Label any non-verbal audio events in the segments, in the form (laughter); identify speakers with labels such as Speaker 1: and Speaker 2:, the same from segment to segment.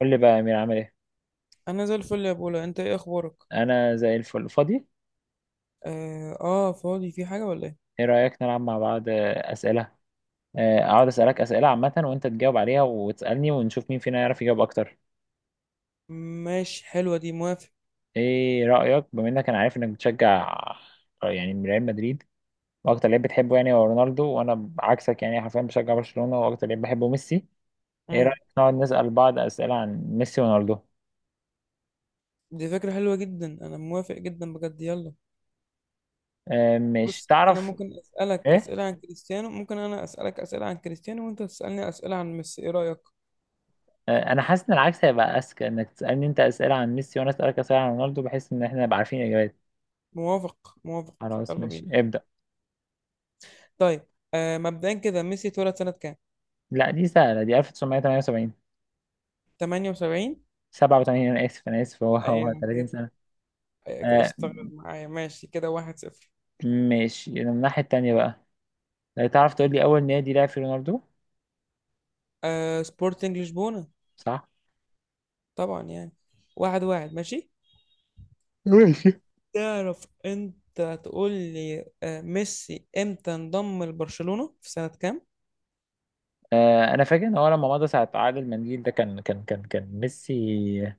Speaker 1: قول لي بقى يا أمير عامل إيه؟
Speaker 2: انا زي الفل يا بولا. انت ايه اخبارك؟
Speaker 1: أنا زي الفل فاضي؟
Speaker 2: اه, فاضي، في حاجه ولا ايه؟
Speaker 1: إيه رأيك نلعب مع بعض أسئلة؟ أقعد أسألك أسئلة عامة وأنت تجاوب عليها وتسألني ونشوف مين فينا يعرف يجاوب أكتر.
Speaker 2: ماشي، حلوه دي، موافق.
Speaker 1: إيه رأيك بما إنك أنا عارف إنك بتشجع يعني ريال مدريد، وأكتر لعيب بتحبه يعني هو رونالدو، وأنا عكسك يعني حرفيا بشجع برشلونة وأكتر لعيب بحبه ميسي. إيه
Speaker 2: امم
Speaker 1: رأيك نقعد نسأل بعض أسئلة عن ميسي ورونالدو؟
Speaker 2: دي فكره حلوه جدا، انا موافق جدا بجد. يلا.
Speaker 1: مش
Speaker 2: بص، انا
Speaker 1: تعرف إيه؟
Speaker 2: ممكن انا اسالك اسئله عن كريستيانو وانت تسالني اسئله عن ميسي، ايه رايك؟
Speaker 1: أنا حاسس إن العكس هيبقى أذكى، إنك تسألني أنت أسئلة عن ميسي وأنا أسألك أسئلة عن رونالدو، بحيث إن إحنا نبقى عارفين الإجابات.
Speaker 2: موافق، موافق.
Speaker 1: خلاص
Speaker 2: يلا
Speaker 1: ماشي،
Speaker 2: بينا.
Speaker 1: ابدأ.
Speaker 2: طيب. مبدئيا كده، ميسي اتولد سنه كام؟
Speaker 1: لا دي سهلة، دي 1978.
Speaker 2: 78.
Speaker 1: 87، أنا آسف أنا آسف، هو
Speaker 2: ايوه
Speaker 1: 30
Speaker 2: كده،
Speaker 1: سنة.
Speaker 2: ايوه كده،
Speaker 1: آه.
Speaker 2: اشتغل معايا، ماشي، كده واحد صفر.
Speaker 1: ماشي، من الناحية التانية بقى. تعرف تقول لي أول نادي لعب فيه رونالدو؟
Speaker 2: سبورتنج لشبونه.
Speaker 1: صح؟
Speaker 2: طبعا يعني. واحد واحد، ماشي. تعرف انت تقول لي، ميسي امتى انضم لبرشلونة في سنة كام؟
Speaker 1: آه أنا فاكر إن هو لما مضى ساعة عقد المنديل ده كان ميسي.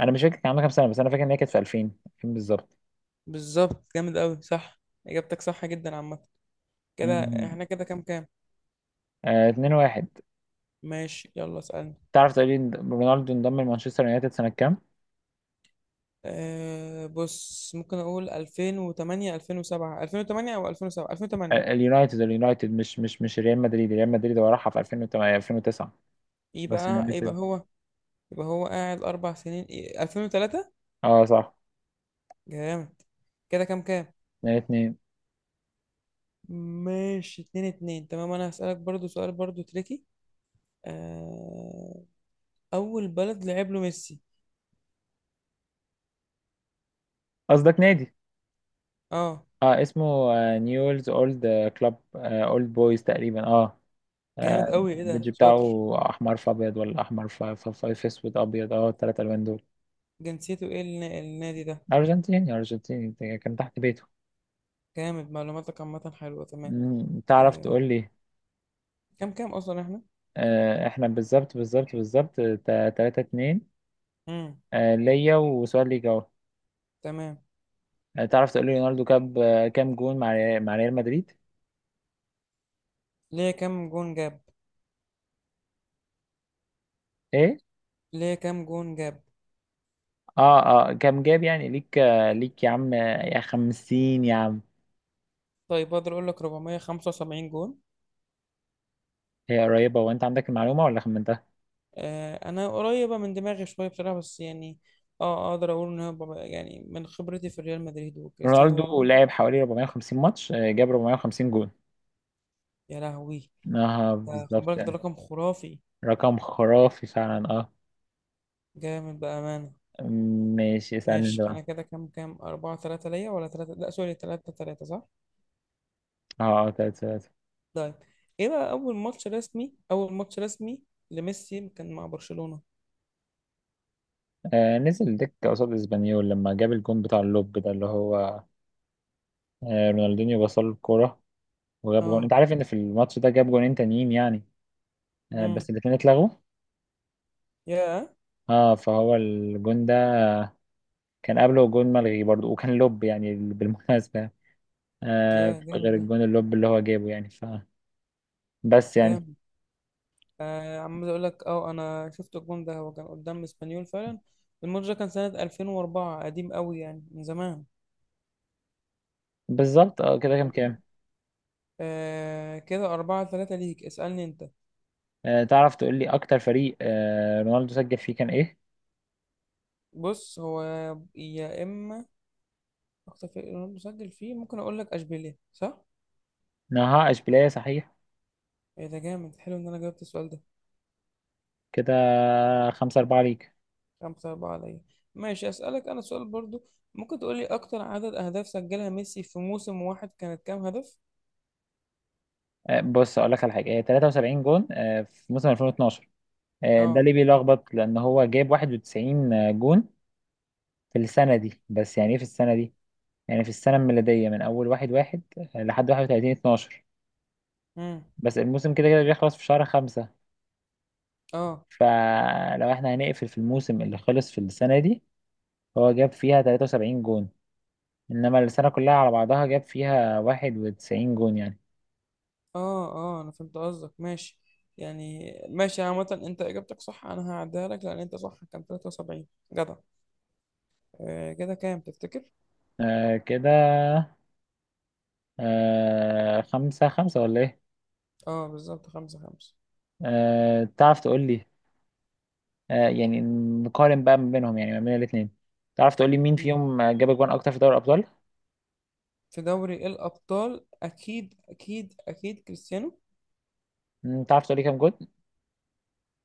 Speaker 1: أنا مش فاكر كان عنده كام سنة، بس أنا فاكر إن هي كانت في 2000. 2000 بالظبط.
Speaker 2: بالظبط، جامد قوي، صح. اجابتك صح جدا. عامة كده
Speaker 1: مم.
Speaker 2: احنا كده كام كام؟
Speaker 1: آه 2-1.
Speaker 2: ماشي، يلا اسألني.
Speaker 1: تعرف تقول لي إن رونالدو انضم لمانشستر يونايتد سنة كام؟
Speaker 2: بص، ممكن اقول 2008، 2007، 2008 او 2007، 2008.
Speaker 1: اليونايتد، اليونايتد مش ريال مدريد. ريال مدريد هو راحها في 2008 2009. بس
Speaker 2: يبقى يبقى
Speaker 1: اليونايتد.
Speaker 2: هو يبقى هو قاعد اربع سنين، إيه، 2003.
Speaker 1: اه صح.
Speaker 2: جامد. كده كام كام؟
Speaker 1: من الاثنين.
Speaker 2: ماشي، اتنين اتنين، تمام. انا هسألك برضو سؤال برضو تريكي. أه اول بلد لعب له ميسي؟
Speaker 1: قصدك نادي؟
Speaker 2: اه.
Speaker 1: اه اسمه. آه نيولز اولد. كلاب اولد بويز تقريبا اه.
Speaker 2: جامد قوي، ايه
Speaker 1: البيدج
Speaker 2: ده، شاطر.
Speaker 1: بتاعه احمر في ابيض، ولا احمر في اسود ابيض، اه الثلاث الوان دول.
Speaker 2: جنسيته ايه النادي ده؟
Speaker 1: ارجنتيني ارجنتيني، كان تحت بيته.
Speaker 2: جامد. معلوماتك عامه حلوه، تمام.
Speaker 1: مم، تعرف
Speaker 2: آه.
Speaker 1: تقول لي.
Speaker 2: كام كام اصلا احنا؟
Speaker 1: آه احنا بالظبط 3 2.
Speaker 2: امم
Speaker 1: آه ليا وسؤال ليك اهو.
Speaker 2: تمام.
Speaker 1: تعرف تقول لي رونالدو جاب كام جون مع مع ريال مدريد؟
Speaker 2: ليه كام جون جاب
Speaker 1: ايه؟
Speaker 2: ليه كام جون جاب؟
Speaker 1: اه اه كام جاب يعني ليك ليك يا عم يا خمسين يا عم.
Speaker 2: طيب، اقدر اقول لك 475 جون.
Speaker 1: هي قريبة، وانت عندك المعلومة ولا خمنتها؟
Speaker 2: انا قريبه من دماغي شويه بصراحه، بس يعني. اه، اقدر اقول ان هو يعني، من خبرتي في ريال مدريد وكريستيانو
Speaker 1: رونالدو
Speaker 2: رونالدو.
Speaker 1: لعب حوالي 450 ماتش، جاب 450 جون.
Speaker 2: يا لهوي.
Speaker 1: اه
Speaker 2: ده خد
Speaker 1: بالظبط
Speaker 2: بالك، ده
Speaker 1: يعني.
Speaker 2: رقم خرافي.
Speaker 1: رقم خرافي فعلا اه.
Speaker 2: جامد بأمانة.
Speaker 1: ماشي، اسألني
Speaker 2: ماشي،
Speaker 1: ده.
Speaker 2: انا كده كام كام؟ أربعة تلاتة ليا ولا تلاتة؟ لا، سوري، تلاتة تلاتة، صح.
Speaker 1: اه اه تلاتة تلاتة.
Speaker 2: طيب. ايه بقى اول ماتش رسمي لميسي كان مع برشلونة؟
Speaker 1: آه نزل دكة قصاد اسبانيول لما جاب الجون بتاع اللوب ده اللي هو آه رونالدينيو بصل له الكورة وجاب جون.
Speaker 2: اه.
Speaker 1: انت عارف ان في الماتش ده جاب جونين تانيين يعني آه بس
Speaker 2: امم
Speaker 1: الاتنين اتلغوا.
Speaker 2: يا،
Speaker 1: اه فهو الجون ده كان قبله جون ملغي برضو، وكان لوب يعني بالمناسبة، غير
Speaker 2: جامد ده،
Speaker 1: الجون اللوب اللي هو جابه يعني ف بس يعني.
Speaker 2: جامد. عمال اقول لك، اه، انا شفت الجون ده، هو كان قدام اسبانيول فعلا. الماتش ده كان سنة 2004، قديم قوي يعني، من زمان.
Speaker 1: بالظبط اه. كده كام كام؟
Speaker 2: تمام. كده أربعة تلاتة ليك، اسألني انت.
Speaker 1: آه تعرف تقول لي اكتر فريق آه رونالدو سجل فيه كان ايه؟
Speaker 2: بص هو، يا اما اكتر فريق رونالدو سجل فيه، ممكن اقول لك اشبيليه، صح؟
Speaker 1: نهائش بلاي صحيح.
Speaker 2: ايه ده، جامد، حلو ان انا جاوبت السؤال ده.
Speaker 1: كده خمسة أربعة ليك.
Speaker 2: خمسة أربعة عليا. ماشي، أسألك أنا سؤال برضو. ممكن تقولي أكتر عدد أهداف سجلها ميسي في موسم واحد كانت كام هدف؟
Speaker 1: آه بص أقول لك على حاجة، آه 73 جون آه في موسم 2012. آه ده
Speaker 2: اه،
Speaker 1: ليه بيلخبط؟ لأن هو جايب 91 جون في السنة دي. بس يعني إيه في السنة دي؟ يعني في السنة الميلادية من أول واحد واحد لحد 31 12.
Speaker 2: امم
Speaker 1: بس الموسم كده كده بيخلص في شهر خمسة.
Speaker 2: اه،
Speaker 1: فلو احنا هنقفل في الموسم اللي خلص في السنة دي، هو جاب فيها 73 جون. انما السنة كلها على بعضها جاب فيها واحد وتسعين جون يعني.
Speaker 2: اه، اه، أنا فهمت قصدك، ماشي. يعني ماشي. عامة أنت إجابتك صح، أنا هعديها لك لأن أنت صح، كان 73. جدع. كده كام تفتكر؟
Speaker 1: آه كده. آه خمسة خمسة ولا ايه؟
Speaker 2: اه، بالظبط، خمسة خمسة.
Speaker 1: آه تعرف تقول لي، آه يعني نقارن بقى ما بينهم، يعني ما بين الاتنين. تعرف تقول لي مين
Speaker 2: مم.
Speaker 1: فيهم جاب اجوان اكتر في دوري الابطال؟
Speaker 2: في دوري الأبطال أكيد أكيد أكيد كريستيانو.
Speaker 1: مم، تعرف تقول لي كام جون؟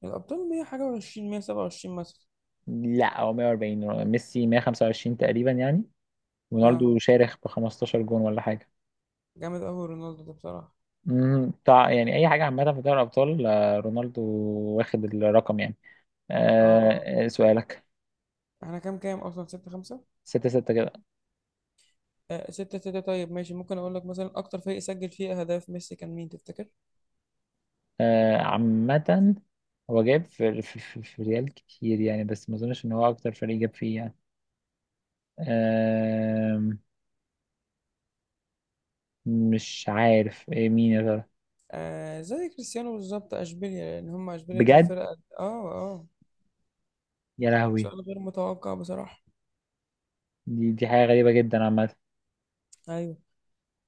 Speaker 2: الأبطال 100 حاجة و20، 127 مثلا.
Speaker 1: لا، هو 140 ميسي، 125 تقريبا يعني.
Speaker 2: اه،
Speaker 1: رونالدو شارخ ب 15 جون ولا حاجة.
Speaker 2: جامد قوي رونالدو ده بصراحة.
Speaker 1: مم، تع... يعني اي حاجة عامة في دوري الابطال رونالدو واخد الرقم يعني.
Speaker 2: اه، اه،
Speaker 1: آه، سؤالك.
Speaker 2: احنا كام كام اصلا؟ ستة خمسة.
Speaker 1: ستة ستة كده.
Speaker 2: ستة ستة، طيب، ماشي. ممكن اقول لك مثلا، اكتر فريق سجل فيه اهداف ميسي كان مين تفتكر؟
Speaker 1: عامة هو جايب في ريال كتير يعني، بس ما اظنش ان هو اكتر فريق جاب فيه يعني. آم، مش عارف إيه مين يا ترى.
Speaker 2: زي كريستيانو بالظبط، اشبيليا، لان هم اشبيليا دي
Speaker 1: بجد.
Speaker 2: الفرقة، اه، اه.
Speaker 1: يا لهوي.
Speaker 2: سؤال غير متوقع بصراحة.
Speaker 1: دي حاجة غريبة جدا عامة.
Speaker 2: ايوه.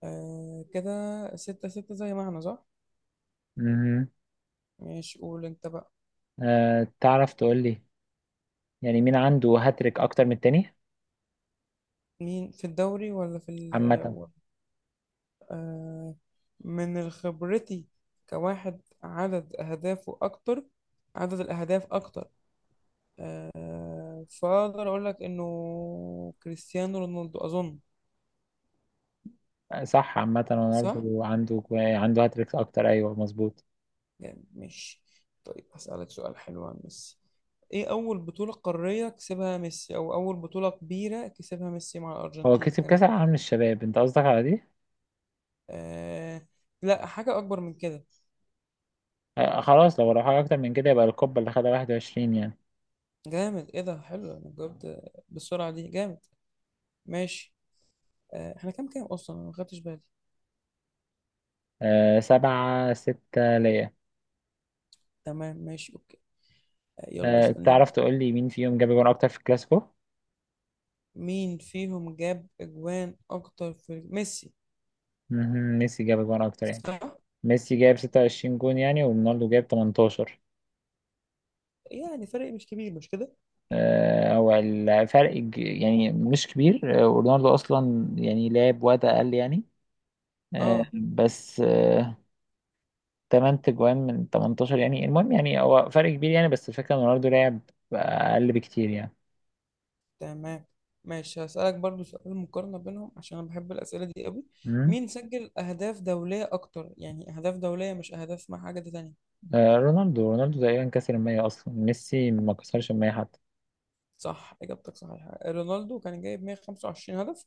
Speaker 2: كده ستة ستة زي ما احنا، صح.
Speaker 1: مهم.
Speaker 2: ماشي، قول انت بقى.
Speaker 1: تعرف تقول لي يعني مين عنده هاتريك اكتر من التاني؟
Speaker 2: مين، في الدوري ولا في
Speaker 1: عامة.
Speaker 2: آه، من خبرتي، كواحد، عدد اهدافه اكتر عدد الأهداف أكتر. فاقدر اقول لك انه كريستيانو رونالدو، اظن.
Speaker 1: صح، عامة
Speaker 2: صح
Speaker 1: رونالدو عنده هاتريك اكتر، ايوه مظبوط.
Speaker 2: يعني، ماشي. طيب، هسألك سؤال حلو عن ميسي. ايه اول بطولة قارية كسبها ميسي او اول بطولة كبيرة كسبها ميسي مع
Speaker 1: هو
Speaker 2: الارجنتين
Speaker 1: كسب كاس
Speaker 2: كانت؟
Speaker 1: العالم للشباب؟ انت قصدك على دي؟
Speaker 2: آه لا، حاجة اكبر من كده.
Speaker 1: خلاص، لو راح اكتر من كده يبقى الكوبا اللي خدها 21 يعني.
Speaker 2: جامد، ايه ده، حلو، انا جاوبت بالسرعة دي، جامد. ماشي. احنا كام كام اصلا؟ انا ما خدتش بالي.
Speaker 1: آه سبعة ستة ليا.
Speaker 2: تمام، ماشي، اوكي. يلا
Speaker 1: آه
Speaker 2: اسألني انت.
Speaker 1: تعرف تقول لي مين فيهم جاب جون أكتر في الكلاسيكو؟
Speaker 2: مين فيهم جاب اجوان اكتر في ميسي؟
Speaker 1: مهم، ميسي جاب جون أكتر يعني.
Speaker 2: صح.
Speaker 1: ميسي جاب ستة وعشرين جون يعني، ورونالدو جاب تمنتاشر.
Speaker 2: يعني فرق مش كبير، مش كده؟
Speaker 1: آه هو الفرق ج- يعني مش كبير، آه ورونالدو أصلا يعني لعب وقت أقل يعني. آه
Speaker 2: اه.
Speaker 1: بس آه تمن تجوان من تمنتاشر يعني، المهم يعني هو فرق كبير يعني، بس الفكرة إن رونالدو لعب أقل بكتير يعني.
Speaker 2: تمام، ماشي. هسألك برضو سؤال مقارنة بينهم عشان أنا بحب الأسئلة دي قوي.
Speaker 1: مم.
Speaker 2: مين سجل أهداف دولية أكتر؟ يعني أهداف دولية، مش أهداف مع حاجة تانية.
Speaker 1: آه رونالدو تقريبا كسر المية. أصلا ميسي ما كسرش المية حتى.
Speaker 2: صح، إجابتك صحيحة. رونالدو كان جايب 125 هدف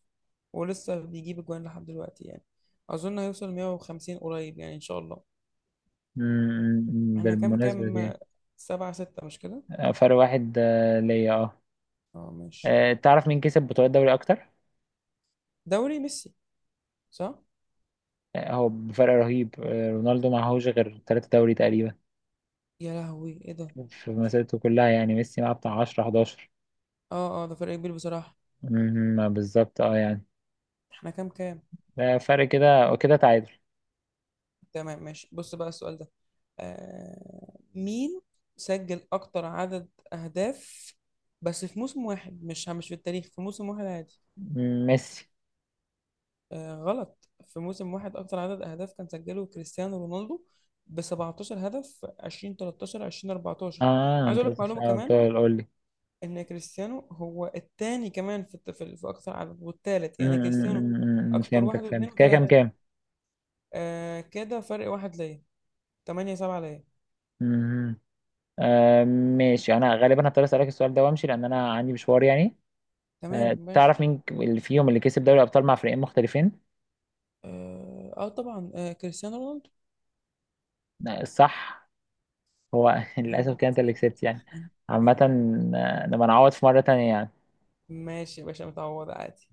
Speaker 2: ولسه بيجيب أجوان لحد دلوقتي يعني. أظن هيوصل 150 قريب يعني، إن شاء الله.
Speaker 1: امم،
Speaker 2: إحنا كام
Speaker 1: بالمناسبة
Speaker 2: كام؟
Speaker 1: دي.
Speaker 2: سبعة ستة، مش كده؟
Speaker 1: فرق واحد ليا اه.
Speaker 2: اه، ماشي.
Speaker 1: تعرف مين كسب بطولات دوري أكتر؟
Speaker 2: دوري، ميسي. صح.
Speaker 1: هو بفرق رهيب، رونالدو معهوش غير تلاتة دوري تقريبا
Speaker 2: يا لهوي، إيه ده.
Speaker 1: في مسيرته كلها يعني. ميسي معاه بتاع عشرة حداشر.
Speaker 2: اه، اه، ده فرق كبير بصراحة.
Speaker 1: بالظبط اه يعني.
Speaker 2: إحنا كام كام؟
Speaker 1: ده فرق، كده وكده تعادل.
Speaker 2: تمام، ماشي، بص بقى السؤال ده. مين سجل أكتر عدد أهداف بس في موسم واحد؟ مش في التاريخ، في موسم واحد عادي.
Speaker 1: مم، ميسي.
Speaker 2: غلط، في موسم واحد أكتر عدد أهداف كان سجله كريستيانو رونالدو ب 17 هدف في 2013 2014.
Speaker 1: اه
Speaker 2: عايز
Speaker 1: انت
Speaker 2: أقول لك
Speaker 1: قصدك،
Speaker 2: معلومة
Speaker 1: اه
Speaker 2: كمان،
Speaker 1: بتقول قول لي.
Speaker 2: إن كريستيانو هو التاني كمان في الت- في في أكتر عدد، والتالت يعني كريستيانو. أكتر، واحد
Speaker 1: فهمتك
Speaker 2: واثنين
Speaker 1: فهمتك. كده كام
Speaker 2: وثلاثة.
Speaker 1: كام؟
Speaker 2: كده فرق واحد ليا. 8-7 ليا،
Speaker 1: مم. آه ماشي، انا غالبا هضطر اسالك السؤال ده وامشي لان انا عندي مشوار يعني.
Speaker 2: تمام، ماشي.
Speaker 1: تعرف مين اللي فيهم اللي كسب دوري ابطال مع فريقين مختلفين؟
Speaker 2: اه، طبعا، كريستيانو رونالدو.
Speaker 1: الصح. هو (laughs) للاسف كده انت اللي كسبت يعني. عامة نبقى نعوض في مرة تانية يعني.
Speaker 2: ماشي يا باشا، متعوض عادي.